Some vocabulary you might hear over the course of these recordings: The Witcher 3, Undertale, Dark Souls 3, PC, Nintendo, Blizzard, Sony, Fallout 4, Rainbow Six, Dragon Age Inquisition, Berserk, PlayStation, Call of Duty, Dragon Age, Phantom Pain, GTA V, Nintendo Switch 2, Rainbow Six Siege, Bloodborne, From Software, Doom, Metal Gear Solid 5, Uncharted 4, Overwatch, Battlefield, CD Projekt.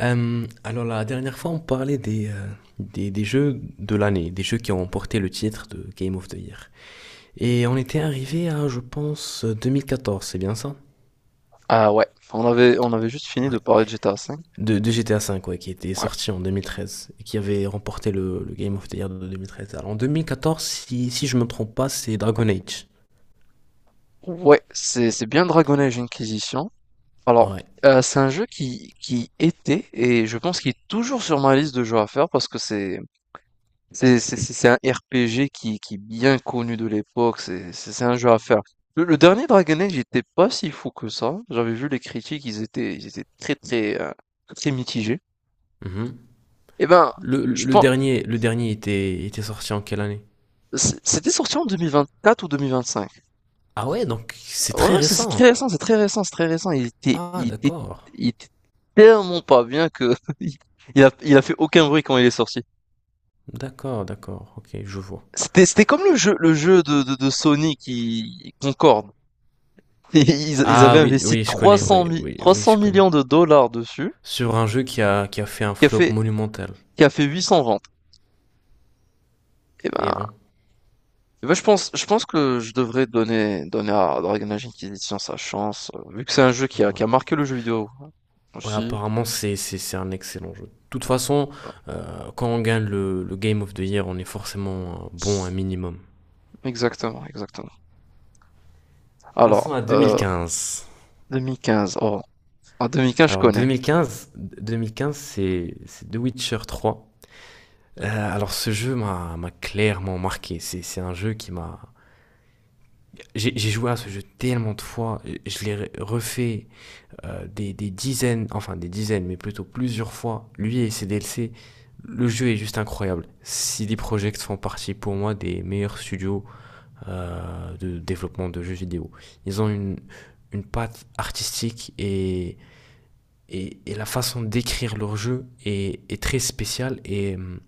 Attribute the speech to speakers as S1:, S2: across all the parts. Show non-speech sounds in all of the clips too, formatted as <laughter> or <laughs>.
S1: Alors la dernière fois, on parlait des jeux de l'année, des jeux qui ont remporté le titre de Game of the Year. Et on était arrivé à, je pense, 2014, c'est bien ça?
S2: Ah ouais, on avait juste fini de
S1: Ouais.
S2: parler de GTA V.
S1: De GTA V, ouais, qui était
S2: Ouais,
S1: sorti en 2013 et qui avait remporté le Game of the Year de 2013. Alors en 2014, si je me trompe pas, c'est Dragon Age.
S2: ouais, c'est bien Dragon Age Inquisition. Alors,
S1: Ouais.
S2: c'est un jeu qui était, et je pense qu'il est toujours sur ma liste de jeux à faire parce que c'est un RPG qui est bien connu de l'époque, c'est un jeu à faire. Le dernier Dragon Age n'était pas si fou que ça. J'avais vu les critiques, ils étaient très, très, très mitigés.
S1: Mhm.
S2: Eh ben,
S1: Le,
S2: je
S1: le
S2: pense,
S1: dernier, le dernier était sorti en quelle année?
S2: c'était sorti en 2024 ou 2025.
S1: Ah ouais, donc c'est
S2: Ouais,
S1: très
S2: ouais, c'est
S1: récent.
S2: très récent, c'est très récent, c'est très récent. Il était,
S1: Ah
S2: il était,
S1: d'accord.
S2: il était tellement pas bien que <laughs> il a fait aucun bruit quand il est sorti.
S1: D'accord, d'accord. Ok, je vois.
S2: C'était comme le jeu, de Sony qui Concorde. <laughs> Et Ils
S1: Ah
S2: avaient
S1: oui,
S2: investi
S1: oui, je connais,
S2: 300
S1: oui,
S2: mi-
S1: oui, oui,
S2: 300
S1: je connais.
S2: millions de dollars dessus,
S1: Sur un jeu qui a fait un
S2: qui a
S1: flop
S2: fait,
S1: monumental.
S2: qui a fait 800 ventes. Et
S1: Eh
S2: ben,
S1: ben,
S2: eh ben, je pense que je devrais donner à Dragon Age Inquisition sa chance, vu que c'est un jeu qui a
S1: ouais.
S2: marqué le jeu vidéo
S1: Ouais,
S2: aussi.
S1: apparemment, c'est un excellent jeu. De toute façon, quand on gagne le Game of the Year, on est forcément bon un minimum.
S2: Exactement, exactement. Alors,
S1: Passons à 2015.
S2: 2015. Oh, en 2015, je
S1: Alors
S2: connais.
S1: 2015 c'est The Witcher 3. Alors ce jeu m'a clairement marqué. C'est un jeu qui m'a... J'ai joué à ce jeu tellement de fois, je l'ai refait des dizaines, enfin des dizaines, mais plutôt plusieurs fois, lui et ses DLC. Le jeu est juste incroyable. CD Projekt font partie pour moi des meilleurs studios de développement de jeux vidéo. Ils ont une patte artistique et la façon d'écrire leur jeu est très spéciale et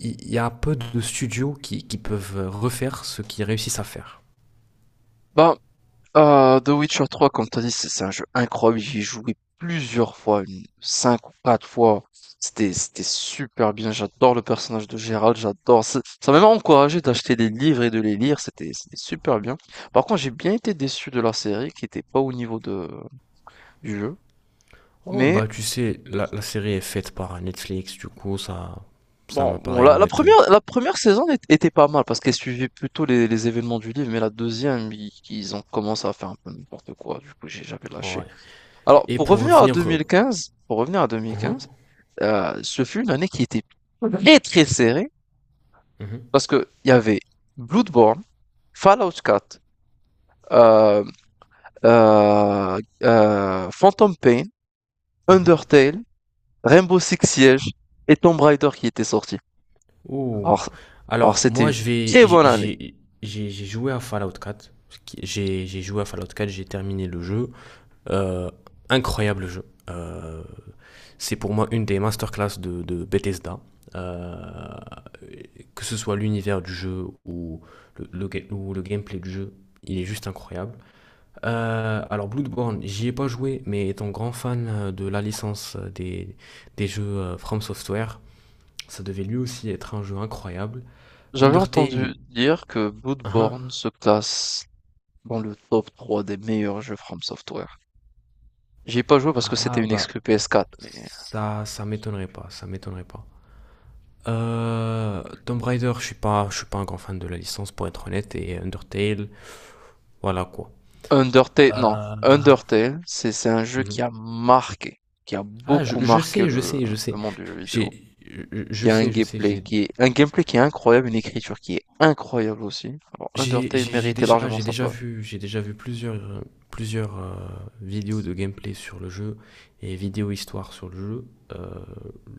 S1: il y a peu de studios qui peuvent refaire ce qu'ils réussissent à faire.
S2: Ben, The Witcher trois, comme t'as dit, c'est un jeu incroyable. J'y ai joué plusieurs fois, une, cinq ou quatre fois. C'était super bien. J'adore le personnage de Geralt, j'adore. Ça m'a même encouragé d'acheter des livres et de les lire. C'était super bien. Par contre, j'ai bien été déçu de la série qui était pas au niveau de, du jeu.
S1: Oh
S2: Mais
S1: bah tu sais, la série est faite par Netflix, du coup ça m'a
S2: bon,
S1: pas
S2: bon, la
S1: réellement étonné.
S2: première saison était pas mal parce qu'elle suivait plutôt les événements du livre. Mais la deuxième, ils ont commencé à faire un peu n'importe quoi. Du coup, j'ai, j'avais lâché.
S1: Ouais.
S2: Alors,
S1: Et pour
S2: pour revenir
S1: revenir,
S2: à 2015, pour revenir à
S1: mhm,
S2: 2015, ce fut une année qui était très très serrée
S1: mhm,
S2: parce que il y avait Bloodborne, Fallout 4, euh, Phantom Pain,
S1: mhm.
S2: Undertale, Rainbow Six Siege et Tomb Raider qui étaient sortis.
S1: Ouh.
S2: Alors, alors
S1: Alors,
S2: c'était
S1: moi,
S2: une
S1: je vais.
S2: très
S1: J'ai
S2: bonne année.
S1: j'ai- j'ai- j'ai joué à Fallout 4. J'ai joué à Fallout 4, j'ai terminé le jeu. Euh, Incroyable jeu. C'est pour moi une des masterclass de Bethesda. Euh, que ce soit l'univers du jeu ou le gameplay du jeu, il est juste incroyable. Alors Bloodborne, j'y ai pas joué, mais étant grand fan de la licence des jeux From Software, ça devait lui aussi être un jeu incroyable.
S2: J'avais
S1: Undertale,
S2: entendu dire que
S1: hein? Hein.
S2: Bloodborne se classe dans le top 3 des meilleurs jeux From Software. J'y ai pas joué parce que
S1: Ah
S2: c'était
S1: ah,
S2: une
S1: bah,
S2: exclu PS4, mais
S1: ça m'étonnerait pas, ça m'étonnerait pas. Tomb Raider, je suis pas un grand fan de la licence pour être honnête, et Undertale, voilà quoi.
S2: Undertale, non,
S1: Euh,
S2: Undertale, c'est un jeu qui a
S1: mhm.
S2: marqué, qui a
S1: Ah, je,
S2: beaucoup
S1: je
S2: marqué
S1: sais, je
S2: le,
S1: sais, je
S2: le
S1: sais.
S2: monde du jeu vidéo.
S1: J'ai, je
S2: Qui a
S1: sais, je sais,
S2: un gameplay qui est incroyable, une écriture qui est incroyable aussi. Alors, Undertale méritait largement sa place.
S1: J'ai déjà vu plusieurs, plusieurs vidéos de gameplay sur le jeu et vidéos histoire sur le jeu. Euh,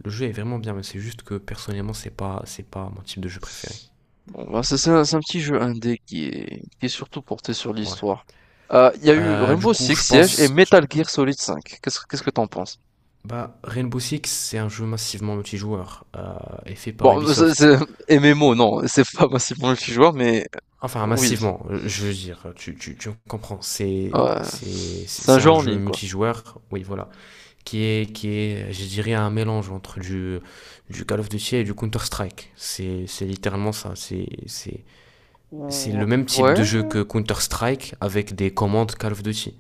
S1: le jeu est vraiment bien, mais c'est juste que personnellement, c'est pas mon type de jeu préféré.
S2: Bon, bah, c'est un petit jeu indé qui est surtout porté sur
S1: Ouais.
S2: l'histoire. Il y a eu
S1: Du
S2: Rainbow
S1: coup,
S2: Six
S1: je
S2: Siege et
S1: pense,
S2: Metal Gear Solid 5. Qu'est-ce que t'en penses?
S1: bah, Rainbow Six, c'est un jeu massivement multijoueur et fait par
S2: Bon, c'est,
S1: Ubisoft.
S2: c'est <laughs> MMO, non, c'est pas massivement multijoueur, mais
S1: Enfin,
S2: oui,
S1: massivement, je veux dire, tu comprends, c'est,
S2: ouais,
S1: c'est, c'est
S2: c'est un
S1: c'est
S2: jeu
S1: un
S2: en
S1: jeu
S2: ligne, quoi.
S1: multijoueur, oui, voilà, qui est, je dirais, un mélange entre du Call of Duty et du Counter-Strike. C'est littéralement ça, c'est le même type
S2: Ouais,
S1: de jeu que Counter-Strike avec des commandes Call of Duty.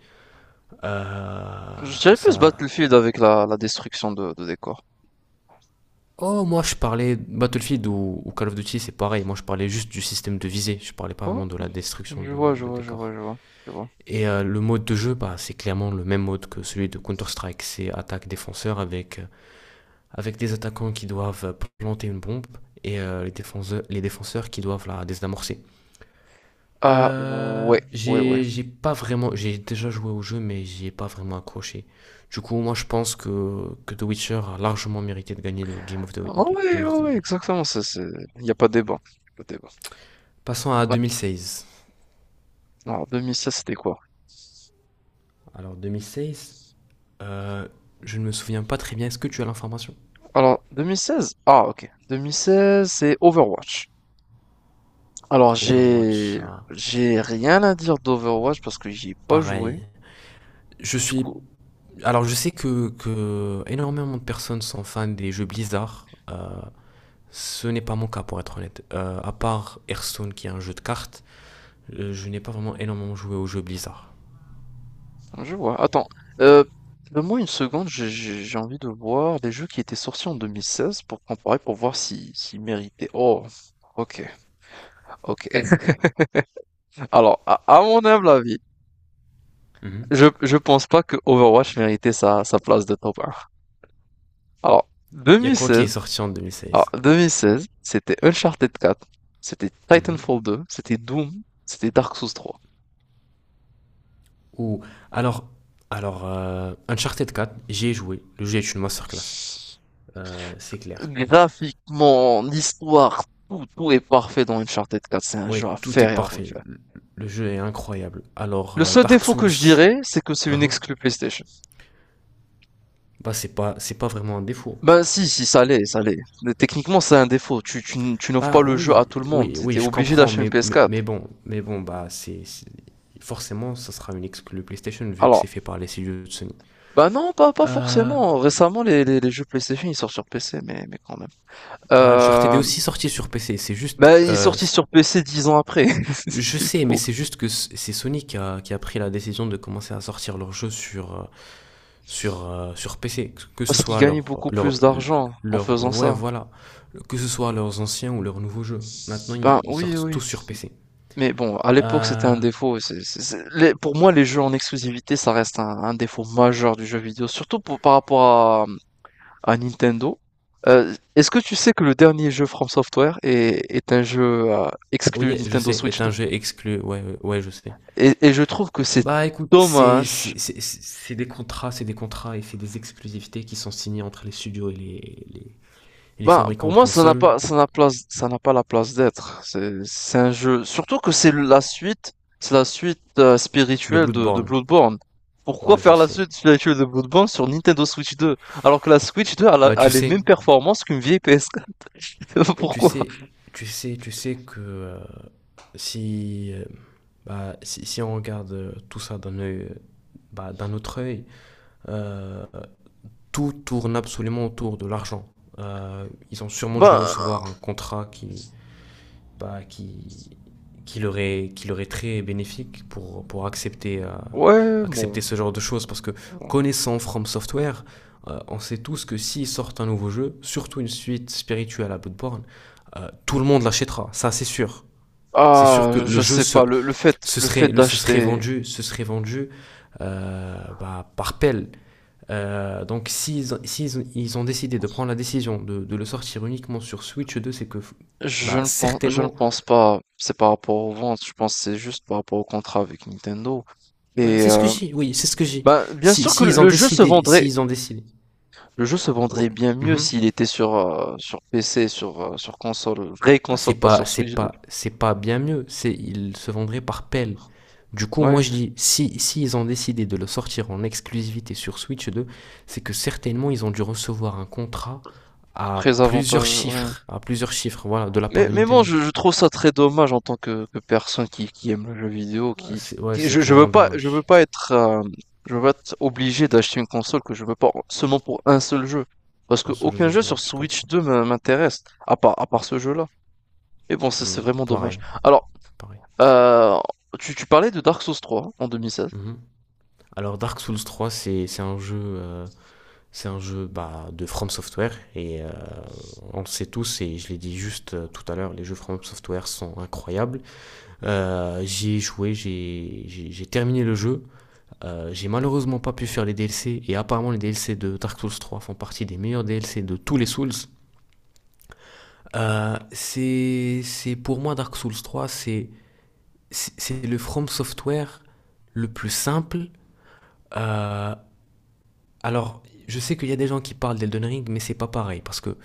S1: Euh,
S2: je dirais plus
S1: Ça...
S2: Battlefield avec la destruction de décors.
S1: Oh, moi je parlais Battlefield ou Call of Duty, c'est pareil, moi je parlais juste du système de visée, je parlais pas vraiment
S2: Oh,
S1: de la destruction
S2: je
S1: de,
S2: vois, je
S1: de
S2: vois, je vois,
S1: décors.
S2: je vois, je vois.
S1: Et le mode de jeu, bah, c'est clairement le même mode que celui de Counter-Strike. C'est attaque-défenseur avec des attaquants qui doivent planter une bombe et les défenseurs qui doivent la désamorcer.
S2: Ah, ouais, ouais, ouais.
S1: J'ai pas vraiment, j'ai déjà joué au jeu, mais j'y ai pas vraiment accroché. Du coup, moi, je pense que The Witcher a largement mérité de gagner le
S2: Ah ouais,
S1: Game
S2: ouais,
S1: of the
S2: ouais,
S1: Year.
S2: exactement. Il n'y a pas de débat. Pas de débat.
S1: Passons à
S2: Ouais.
S1: 2016.
S2: Alors, 2016, c'était quoi?
S1: Alors, 2016, euh, je ne me souviens pas très bien. Est-ce que tu as l'information?
S2: Alors, 2016? Ah, ok. 2016, c'est Overwatch. Alors,
S1: Overwatch, ça,
S2: j'ai rien à dire d'Overwatch parce que j'y ai pas
S1: pareil.
S2: joué.
S1: Je
S2: Du
S1: suis.
S2: coup,
S1: Alors, je sais que énormément de personnes sont fans des jeux Blizzard. Ce n'est pas mon cas, pour être honnête. À part Hearthstone, qui est un jeu de cartes, je n'ai pas vraiment énormément joué aux jeux Blizzard.
S2: ah, je vois. Attends, heu, donne-moi une seconde, j'ai envie de voir des jeux qui étaient sortis en 2016 pour comparer, pour voir si s'ils méritaient. Oh, OK, OK. <laughs> Alors, à mon humble avis,
S1: Mhm.
S2: je pense pas que Overwatch méritait sa place de top 1. Alors,
S1: Il y a quoi qui
S2: 2016,
S1: est sorti en
S2: alors
S1: 2016?
S2: 2016, c'était Uncharted 4, c'était
S1: Mhm.
S2: Titanfall 2, c'était Doom, c'était Dark Souls 3.
S1: Ou. Alors, alors, Uncharted 4, j'y ai joué. Le jeu est une masterclass. C'est clair.
S2: Graphiquement, l'histoire, tout est parfait dans Uncharted 4. C'est un
S1: Ouais,
S2: jeu à
S1: tout est
S2: faire et à
S1: parfait.
S2: refaire.
S1: Le jeu est incroyable. Alors,
S2: Le seul
S1: Dark
S2: défaut
S1: Souls.
S2: que je dirais, c'est que c'est une
S1: Hein.
S2: exclue PlayStation.
S1: Bah, c'est pas vraiment un défaut.
S2: Ben si, si, ça l'est, ça l'est. Mais techniquement, c'est un défaut. Tu n'offres pas
S1: Bah
S2: le jeu
S1: oui,
S2: à tout le monde.
S1: oui, oui,
S2: T'étais
S1: je
S2: obligé
S1: comprends,
S2: d'acheter une
S1: mais,
S2: ps
S1: mais,
S2: quatre.
S1: mais bon, mais bon, bah forcément ça sera une exclu PlayStation vu que c'est
S2: Alors,
S1: fait par les studios de Sony.
S2: ben non, pas
S1: Euh,
S2: forcément. Récemment, les jeux PlayStation, ils sortent sur PC, mais quand même.
S1: Bah Uncharted est
S2: Euh,
S1: aussi sorti sur PC. C'est juste,
S2: bah, ils sortent sur PC 10 ans après. <laughs> C'est
S1: je sais, mais
S2: fou.
S1: c'est juste que c'est Sony qui a pris la décision de commencer à sortir leurs jeux sur sur PC, que ce
S2: Parce qu'ils
S1: soit
S2: gagnaient
S1: leur
S2: beaucoup
S1: leur
S2: plus d'argent en
S1: leur
S2: faisant
S1: ouais
S2: ça.
S1: voilà, que ce soit leurs anciens ou leurs nouveaux jeux. Maintenant
S2: Ben
S1: ils
S2: oui,
S1: sortent
S2: oui.
S1: tous sur PC.
S2: Mais bon, à l'époque, c'était un
S1: Euh,
S2: défaut. Pour moi, les jeux en exclusivité, ça reste un défaut majeur du jeu vidéo, surtout par rapport à Nintendo. Est-ce que tu sais que le dernier jeu From Software est un jeu exclu
S1: Oui, je
S2: Nintendo
S1: sais,
S2: Switch
S1: est un
S2: 2?
S1: jeu exclu, ouais, ouais, ouais, je sais.
S2: Et je trouve que c'est
S1: Bah écoute,
S2: dommage.
S1: c'est des contrats et c'est des exclusivités qui sont signées entre les studios et et les
S2: Ben, pour
S1: fabricants de
S2: moi, ça n'a
S1: consoles
S2: pas, ça n'a place, ça n'a pas la place d'être. C'est un jeu. Surtout que c'est la suite
S1: de
S2: spirituelle de
S1: Bloodborne.
S2: Bloodborne. Pourquoi
S1: Ouais, je
S2: faire la
S1: sais.
S2: suite spirituelle de Bloodborne sur Nintendo Switch 2? Alors que la Switch 2 a, la-
S1: Bah
S2: a
S1: tu
S2: les
S1: sais,
S2: mêmes performances qu'une vieille PS4. <laughs>
S1: tu
S2: Pourquoi?
S1: sais, tu sais, tu sais que si, euh, si on regarde tout ça d'un œil, d'un autre œil, euh, tout tourne absolument autour de l'argent. Ils ont sûrement dû
S2: Ben,
S1: recevoir un contrat bah, qui, qui leur est très bénéfique pour accepter,
S2: ouais, bon.
S1: ce genre de choses. Parce que
S2: bon.
S1: connaissant From Software, on sait tous que s'ils sortent un nouveau jeu, surtout une suite spirituelle à Bloodborne, tout le monde l'achètera, ça c'est sûr. C'est sûr que
S2: Ah,
S1: le
S2: je
S1: jeu
S2: sais pas. Le fait, le fait d'acheter,
S1: se serait vendu bah, par pelle. Donc s'ils ils, ils ont décidé de prendre la décision le sortir uniquement sur Switch 2, c'est que bah,
S2: je ne
S1: certainement.
S2: pense pas. C'est par rapport aux ventes. Je pense que c'est juste par rapport au contrat avec Nintendo.
S1: Bah,
S2: Et
S1: c'est ce que j'ai, oui, c'est ce que j'ai.
S2: bah, bien
S1: Si,
S2: sûr que
S1: si ils ont décidé, si ils ont décidé.
S2: le jeu se vendrait
S1: Bon,
S2: bien mieux s'il
S1: mhm.
S2: était sur PC, sur console, vraie
S1: Bah,
S2: console, pas sur Switch, donc.
S1: c'est pas bien mieux. Ils se vendraient par pelle. Du coup, moi
S2: Ouais,
S1: je dis, si ils ont décidé de le sortir en exclusivité sur Switch 2, c'est que certainement ils ont dû recevoir un contrat
S2: très avantageux, ouais.
S1: à plusieurs chiffres, voilà, de la part
S2: Mais
S1: de
S2: mais bon,
S1: Nintendo.
S2: je trouve ça très dommage en tant que personne qui aime le jeu vidéo,
S1: Ah, ouais,
S2: qui
S1: c'est clairement
S2: je veux
S1: dommage.
S2: pas être, je veux pas être obligé d'acheter une console que je veux pas seulement pour un seul jeu. Parce que
S1: Un seul
S2: aucun
S1: jeu,
S2: jeu
S1: ouais,
S2: sur
S1: je
S2: Switch
S1: comprends.
S2: 2 m'intéresse, à part ce jeu-là. Mais bon, c'est
S1: Hmm,
S2: vraiment dommage.
S1: pareil,
S2: Alors,
S1: pareil.
S2: heu, tu parlais de Dark Souls 3 en 2016.
S1: Mhm. Alors Dark Souls 3, c'est un jeu, c'est un jeu bah, de From Software et on le sait tous et je l'ai dit juste tout à l'heure, les jeux From Software sont incroyables. J'y ai joué, j'ai terminé le jeu. J'ai malheureusement pas pu faire les DLC et apparemment les DLC de Dark Souls 3 font partie des meilleurs DLC de tous les Souls. Pour moi Dark Souls 3, c'est le From Software le plus simple. Euh, alors, je sais qu'il y a des gens qui parlent d'Elden Ring, mais c'est pas pareil parce que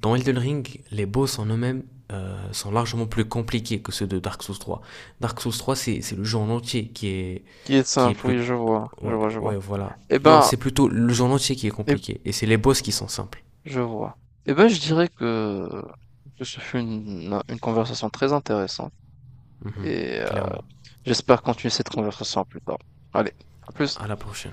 S1: dans Elden Ring, les boss en eux-mêmes sont largement plus compliqués que ceux de Dark Souls 3. Dark Souls 3, c'est le jeu en entier qui est,
S2: Qui est
S1: qui est
S2: simple,
S1: plus...
S2: oui, je vois, je
S1: Ouais,
S2: vois, je vois.
S1: ouais, voilà.
S2: Eh
S1: Non,
S2: ben,
S1: c'est plutôt le jeu en entier qui est
S2: eh,
S1: compliqué. Et c'est les boss qui sont simples.
S2: je vois. Eh ben, je dirais que ce fut une conversation très intéressante
S1: Mhm,
S2: et
S1: clairement.
S2: j'espère continuer cette conversation plus tard. Allez, à plus.
S1: À la prochaine.